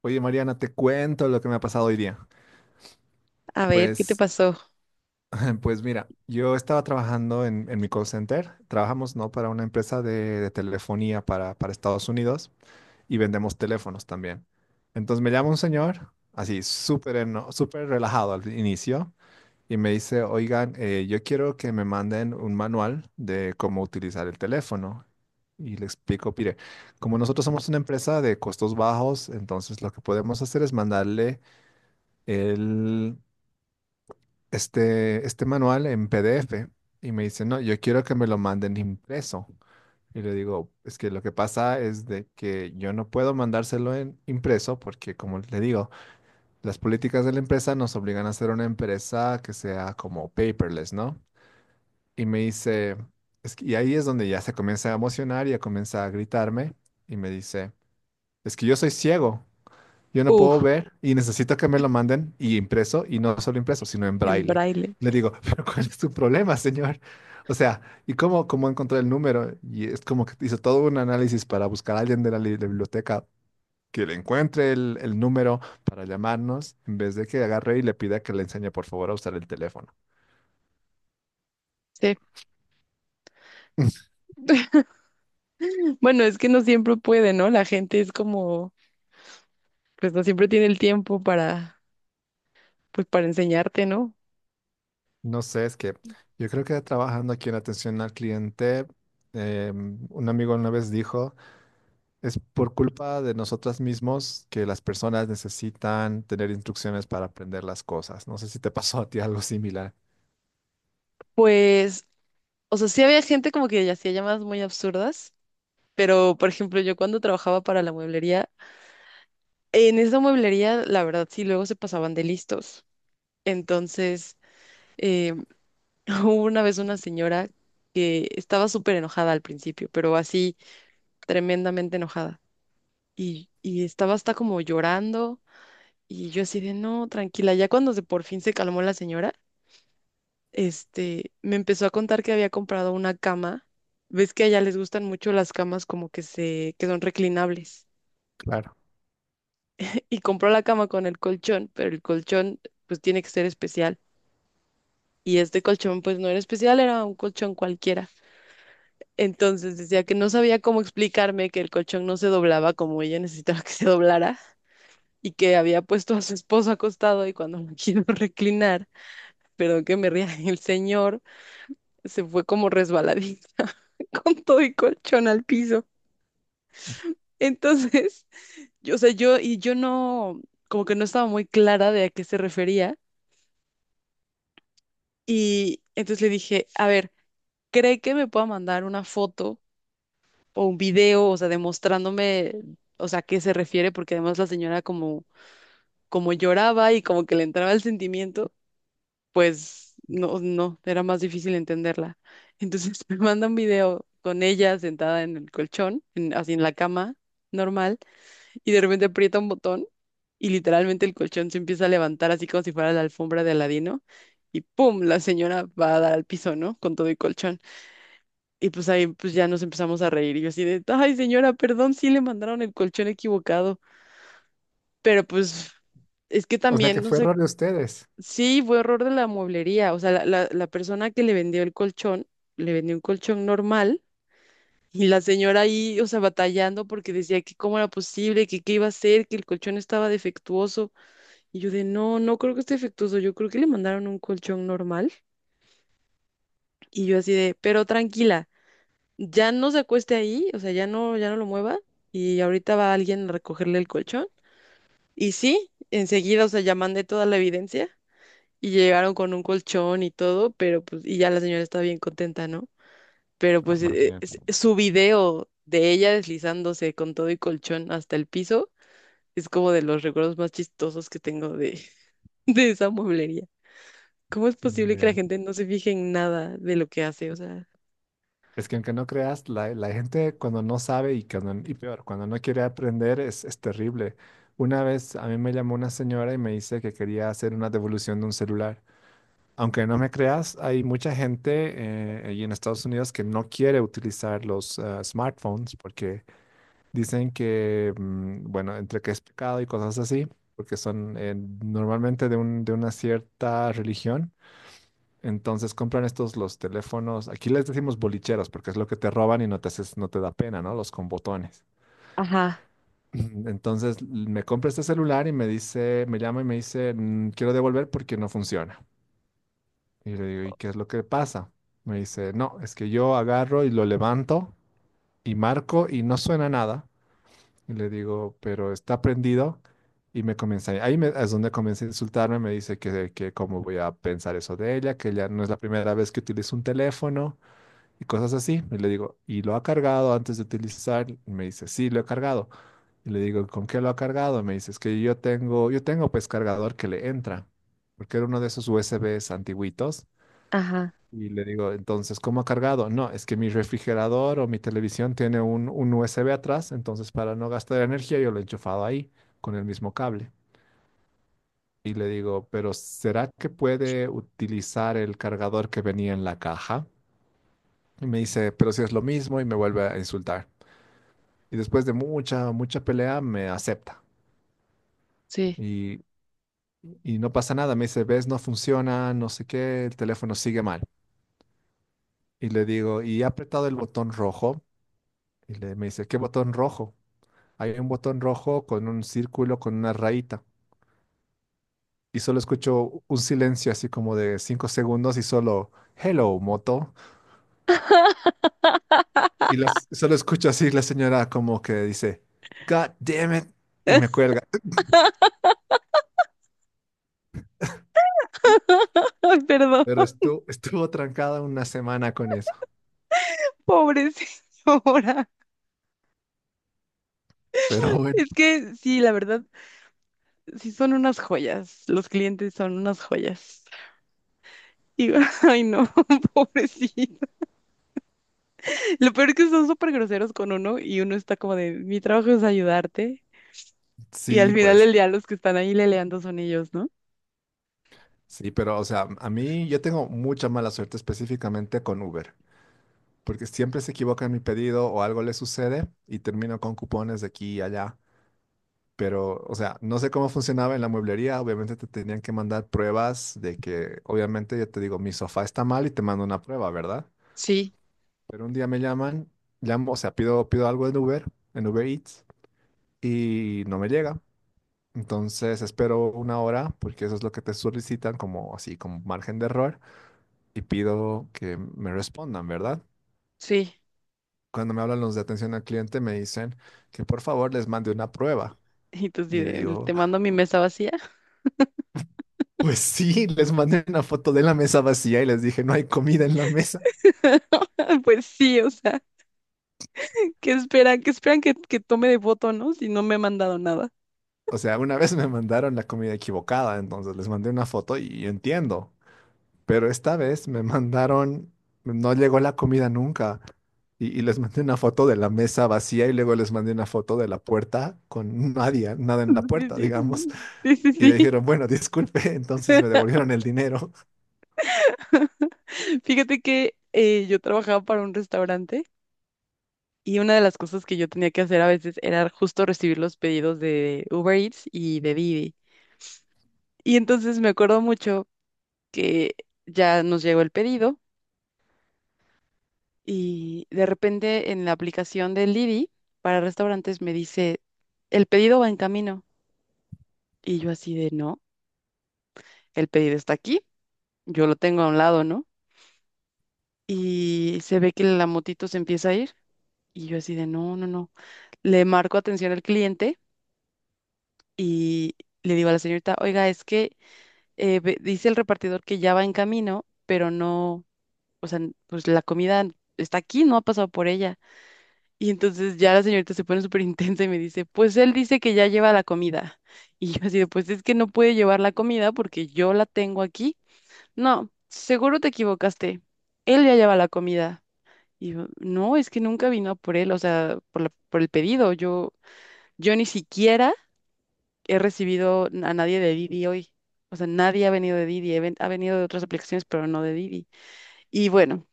Oye, Mariana, te cuento lo que me ha pasado hoy día. A ver, ¿qué te Pues, pasó? pues mira, yo estaba trabajando en, mi call center. Trabajamos, ¿no? Para una empresa de, telefonía para Estados Unidos y vendemos teléfonos también. Entonces me llama un señor, así súper relajado al inicio, y me dice, oigan, yo quiero que me manden un manual de cómo utilizar el teléfono. Y le explico, mire, como nosotros somos una empresa de costos bajos, entonces lo que podemos hacer es mandarle el, este manual en PDF, y me dice, no, yo quiero que me lo manden impreso. Y le digo, es que lo que pasa es de que yo no puedo mandárselo en impreso porque, como le digo, las políticas de la empresa nos obligan a ser una empresa que sea como paperless, ¿no? Y me dice, es que, y ahí es donde ya se comienza a emocionar y ya comienza a gritarme y me dice, es que yo soy ciego. Yo no Uf, puedo ver y necesito que me lo manden y impreso, y no solo impreso, sino en en braille. braille. Y le digo, pero ¿cuál es tu problema, señor? O sea, ¿y cómo encontré el número? Y es como que hizo todo un análisis para buscar a alguien de biblioteca que le encuentre el número para llamarnos, en vez de que agarre y le pida que le enseñe, por favor, a usar el teléfono. Sí. Bueno, es que no siempre puede, ¿no? La gente es como, pues no siempre tiene el tiempo para, pues para enseñarte, ¿no? No sé, es que yo creo que trabajando aquí en atención al cliente, un amigo una vez dijo, es por culpa de nosotras mismos que las personas necesitan tener instrucciones para aprender las cosas. No sé si te pasó a ti algo similar. Pues, o sea, sí había gente como que hacía llamadas muy absurdas, pero por ejemplo, yo cuando trabajaba para la mueblería, en esa mueblería, la verdad, sí, luego se pasaban de listos. Entonces, eh, hubo una vez una señora que estaba súper enojada al principio, pero así tremendamente enojada. Y estaba hasta como llorando y yo así de, no, tranquila. Ya cuando por fin se calmó la señora, me empezó a contar que había comprado una cama. Ves que allá les gustan mucho las camas como que que son reclinables. Claro. Y compró la cama con el colchón, pero el colchón pues tiene que ser especial. Y este colchón pues no era especial, era un colchón cualquiera. Entonces decía que no sabía cómo explicarme que el colchón no se doblaba como ella necesitaba que se doblara y que había puesto a su esposo acostado y cuando me quiero reclinar, perdón que me ría, el señor se fue como resbaladita con todo el colchón al piso. Entonces, yo, o sea, yo y yo no, como que no estaba muy clara de a qué se refería y entonces le dije, a ver, ¿cree que me pueda mandar una foto o un video? O sea, demostrándome, o sea, a qué se refiere, porque además la señora como lloraba y como que le entraba el sentimiento, pues no era más difícil entenderla. Entonces me manda un video con ella sentada en el colchón, así en la cama normal, y de repente aprieta un botón y literalmente el colchón se empieza a levantar así como si fuera la alfombra de Aladino. Y pum, la señora va a dar al piso, ¿no? Con todo el colchón. Y pues ahí pues ya nos empezamos a reír. Y yo así de, ay señora, perdón, sí le mandaron el colchón equivocado. Pero pues es que O sea también, que no fue sé, error de ustedes. sí fue error de la mueblería. O sea, la persona que le vendió el colchón, le vendió un colchón normal. Y la señora ahí, o sea, batallando porque decía que cómo era posible, que qué iba a hacer, que el colchón estaba defectuoso. Y yo de, no, no creo que esté defectuoso, yo creo que le mandaron un colchón normal. Y yo así de, pero tranquila. Ya no se acueste ahí, o sea, ya no lo mueva y ahorita va alguien a recogerle el colchón. Y sí, enseguida, o sea, ya mandé toda la evidencia y llegaron con un colchón y todo, pero pues, y ya la señora está bien contenta, ¿no? Pero Ah, pues más bien. Su video de ella deslizándose con todo y colchón hasta el piso es como de los recuerdos más chistosos que tengo de, de esa mueblería. ¿Cómo es Qué posible que la nivel. gente no se fije en nada de lo que hace? O sea, Es que aunque no creas, la gente cuando no sabe y, cuando, y peor, cuando no quiere aprender es, terrible. Una vez a mí me llamó una señora y me dice que quería hacer una devolución de un celular. Aunque no me creas, hay mucha gente ahí en Estados Unidos que no quiere utilizar los smartphones porque dicen que, bueno, entre que es pecado y cosas así, porque son normalmente de una cierta religión. Entonces compran estos los teléfonos, aquí les decimos bolicheros, porque es lo que te roban y no te haces, no te da pena, ¿no? Los con botones. ajá, Entonces me compra este celular y me dice, me llama y me dice, quiero devolver porque no funciona". Y le digo, ¿y qué es lo que pasa? Me dice, no, es que yo agarro y lo levanto y marco y no suena nada. Y le digo, pero está prendido. Y me comienza, ahí es donde comienza a insultarme, me dice que, cómo voy a pensar eso de ella, que ella no es la primera vez que utiliza un teléfono y cosas así. Y le digo, ¿y lo ha cargado antes de utilizar? Y me dice, sí, lo he cargado. Y le digo, ¿con qué lo ha cargado? Me dice, es que yo tengo pues cargador que le entra, porque era uno de esos USBs antiguitos. ajá, Y le digo, entonces, ¿cómo ha cargado? No, es que mi refrigerador o mi televisión tiene un, USB atrás, entonces para no gastar energía yo lo he enchufado ahí con el mismo cable. Y le digo, pero ¿será que puede utilizar el cargador que venía en la caja? Y me dice, pero si es lo mismo, y me vuelve a insultar. Y después de mucha, mucha pelea me acepta. sí. Y, y no pasa nada, me dice, ves, no funciona, no sé qué, el teléfono sigue mal. Y le digo, ¿y he apretado el botón rojo? Y le, me dice, ¿qué botón rojo? Hay un botón rojo con un círculo con una rayita. Y solo escucho un silencio así como de 5 segundos y solo, hello, moto. Solo escucho así la señora como que dice, God damn it. Y me cuelga. Ay, perdón. Pero estuvo trancada una semana con eso. Pobre señora. Pero bueno, Es que sí, la verdad, sí son unas joyas. Los clientes son unas joyas. Y, ay, no, pobrecito. Lo peor es que son súper groseros con uno y uno está como de, mi trabajo es ayudarte. Y sí, al final pues, del día los que están ahí leleando son ellos, ¿no? sí, pero o sea, a mí yo tengo mucha mala suerte específicamente con Uber. Porque siempre se equivoca en mi pedido o algo le sucede y termino con cupones de aquí y allá. Pero, o sea, no sé cómo funcionaba en la mueblería. Obviamente te tenían que mandar pruebas de que, obviamente, yo te digo, mi sofá está mal y te mando una prueba, ¿verdad? Sí, Pero un día llamo, o sea, pido algo en Uber Eats, y no me llega. Entonces espero una hora, porque eso es lo que te solicitan como así, como margen de error, y pido que me respondan, ¿verdad? sí. Cuando me hablan los de atención al cliente, me dicen que por favor les mande una prueba. Y tú sí Y le de, digo, te mando mi mesa vacía. pues sí, les mandé una foto de la mesa vacía y les dije, no hay comida en la mesa. Pues sí, o sea, ¿qué esperan? ¿Qué esperan que tome de voto, no? Si no me ha mandado nada. O sea, una vez me mandaron la comida equivocada, entonces les mandé una foto y yo entiendo. Pero esta vez me mandaron, no llegó la comida nunca. y les mandé una foto de la mesa vacía y luego les mandé una foto de la puerta con nadie, nada en la puerta, Sí, digamos. sí, sí, Y sí, me sí. dijeron, bueno, disculpe, entonces me devolvieron el dinero. Fíjate que yo trabajaba para un restaurante y una de las cosas que yo tenía que hacer a veces era justo recibir los pedidos de Uber Eats y de Didi. Y entonces me acuerdo mucho que ya nos llegó el pedido y de repente en la aplicación de Didi para restaurantes me dice, el pedido va en camino. Y yo así de, no, el pedido está aquí. Yo lo tengo a un lado, ¿no? Y se ve que la motito se empieza a ir y yo así de, no. Le marco atención al cliente y le digo a la señorita, oiga, es que dice el repartidor que ya va en camino, pero no, o sea, pues la comida está aquí, no ha pasado por ella. Y entonces ya la señorita se pone súper intensa y me dice, pues él dice que ya lleva la comida. Y yo así de, pues es que no puede llevar la comida porque yo la tengo aquí. No, seguro te equivocaste. Él ya lleva la comida. Y yo, no, es que nunca vino a por él, o sea, por el pedido. Yo ni siquiera he recibido a nadie de Didi hoy. O sea, nadie ha venido de Didi, ha venido de otras aplicaciones, pero no de Didi. Y bueno,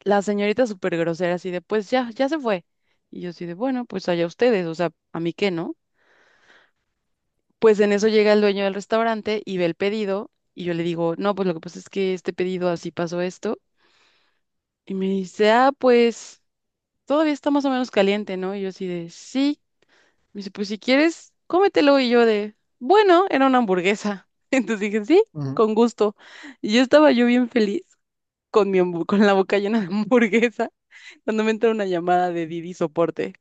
la señorita súper grosera, así de, pues ya se fue. Y yo así de, bueno, pues allá ustedes, o sea, a mí qué, ¿no? Pues en eso llega el dueño del restaurante y ve el pedido y yo le digo, no, pues lo que pasa es que este pedido así pasó esto. Y me dice, ah, pues todavía está más o menos caliente, ¿no? Y yo así de, sí. Me dice, pues si quieres, cómetelo. Y yo de, bueno, era una hamburguesa. Entonces dije, sí, Ujú. con gusto. Y yo estaba yo bien feliz con con la boca llena de hamburguesa cuando me entra una llamada de Didi Soporte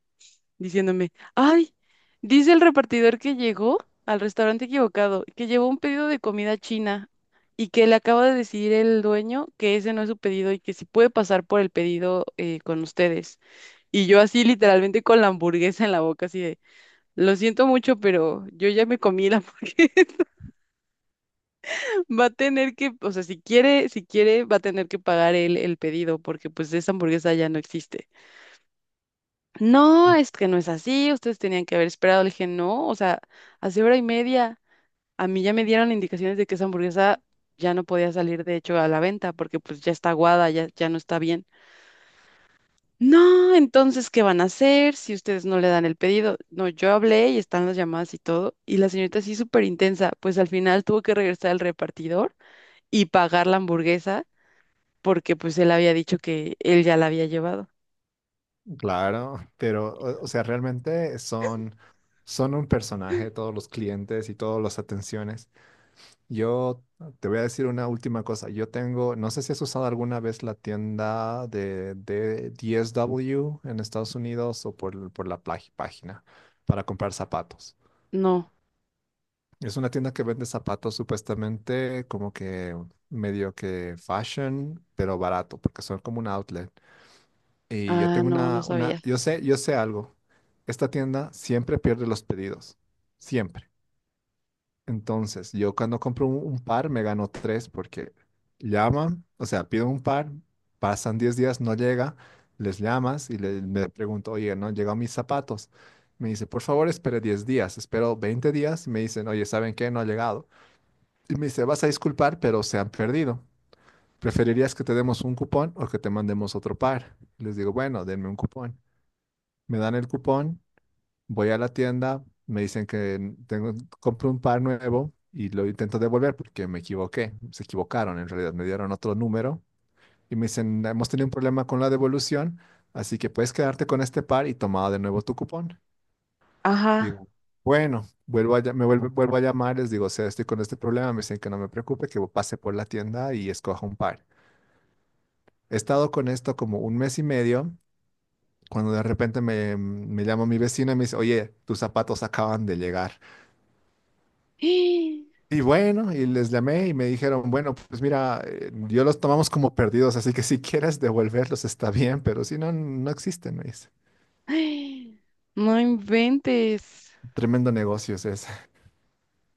diciéndome, ay, dice el repartidor que llegó al restaurante equivocado, que llevó un pedido de comida china y que le acaba de decir el dueño que ese no es su pedido y que si puede pasar por el pedido con ustedes. Y yo así literalmente con la hamburguesa en la boca, así de... Lo siento mucho, pero yo ya me comí la hamburguesa. Va a tener que, o sea, si quiere, va a tener que pagar él el pedido, porque pues esa hamburguesa ya no existe. No, es que no es así, ustedes tenían que haber esperado. Le dije, no, o sea, hace hora y media a mí ya me dieron indicaciones de que esa hamburguesa ya no podía salir, de hecho, a la venta, porque pues ya está aguada, ya no está bien. No, entonces, ¿qué van a hacer si ustedes no le dan el pedido? No, yo hablé y están las llamadas y todo, y la señorita sí súper intensa, pues al final tuvo que regresar al repartidor y pagar la hamburguesa porque pues él había dicho que él ya la había llevado. Claro, pero o sea, realmente son un personaje todos los clientes y todas las atenciones. Yo te voy a decir una última cosa. Yo tengo, no sé si has usado alguna vez la tienda de DSW en Estados Unidos o por la página para comprar zapatos. No, Es una tienda que vende zapatos supuestamente como que medio que fashion, pero barato, porque son como un outlet. Y yo ah, tengo no, no una, sabía. yo sé algo. Esta tienda siempre pierde los pedidos. Siempre. Entonces, yo cuando compro un par, me gano tres porque llaman, o sea, pido un par, pasan 10 días, no llega, les llamas y me pregunto, oye, ¿no han llegado mis zapatos? Me dice, por favor, espere 10 días. Espero 20 días y me dicen, oye, ¿saben qué? No ha llegado. Y me dice, vas a disculpar, pero se han perdido. ¿Preferirías que te demos un cupón o que te mandemos otro par? Les digo, bueno, denme un cupón. Me dan el cupón, voy a la tienda, me dicen que tengo, compro un par nuevo y lo intento devolver porque me equivoqué, se equivocaron en realidad, me dieron otro número y me dicen, hemos tenido un problema con la devolución, así que puedes quedarte con este par y tomar de nuevo tu cupón. Ajá. Digo, bueno, vuelvo a llamar, les digo, o sea, estoy con este problema, me dicen que no me preocupe, que pase por la tienda y escoja un par. He estado con esto como un mes y medio. Cuando de repente me llama mi vecina y me dice, oye, tus zapatos acaban de llegar. Y bueno, y les llamé y me dijeron, bueno, pues mira, yo los tomamos como perdidos, así que si quieres devolverlos está bien, pero si no, no existen, me dice. No inventes. Tremendo negocio es ese.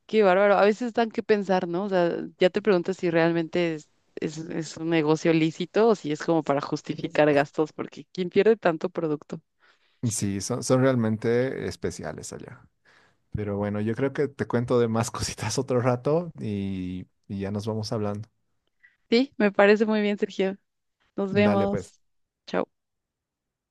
Qué bárbaro. A veces dan que pensar, ¿no? O sea, ya te preguntas si realmente es un negocio lícito o si es como para justificar gastos, porque ¿quién pierde tanto producto? Sí, son realmente especiales allá. Pero bueno, yo creo que te cuento de más cositas otro rato y, ya nos vamos hablando. Sí, me parece muy bien, Sergio. Nos Dale, pues. vemos. Chao.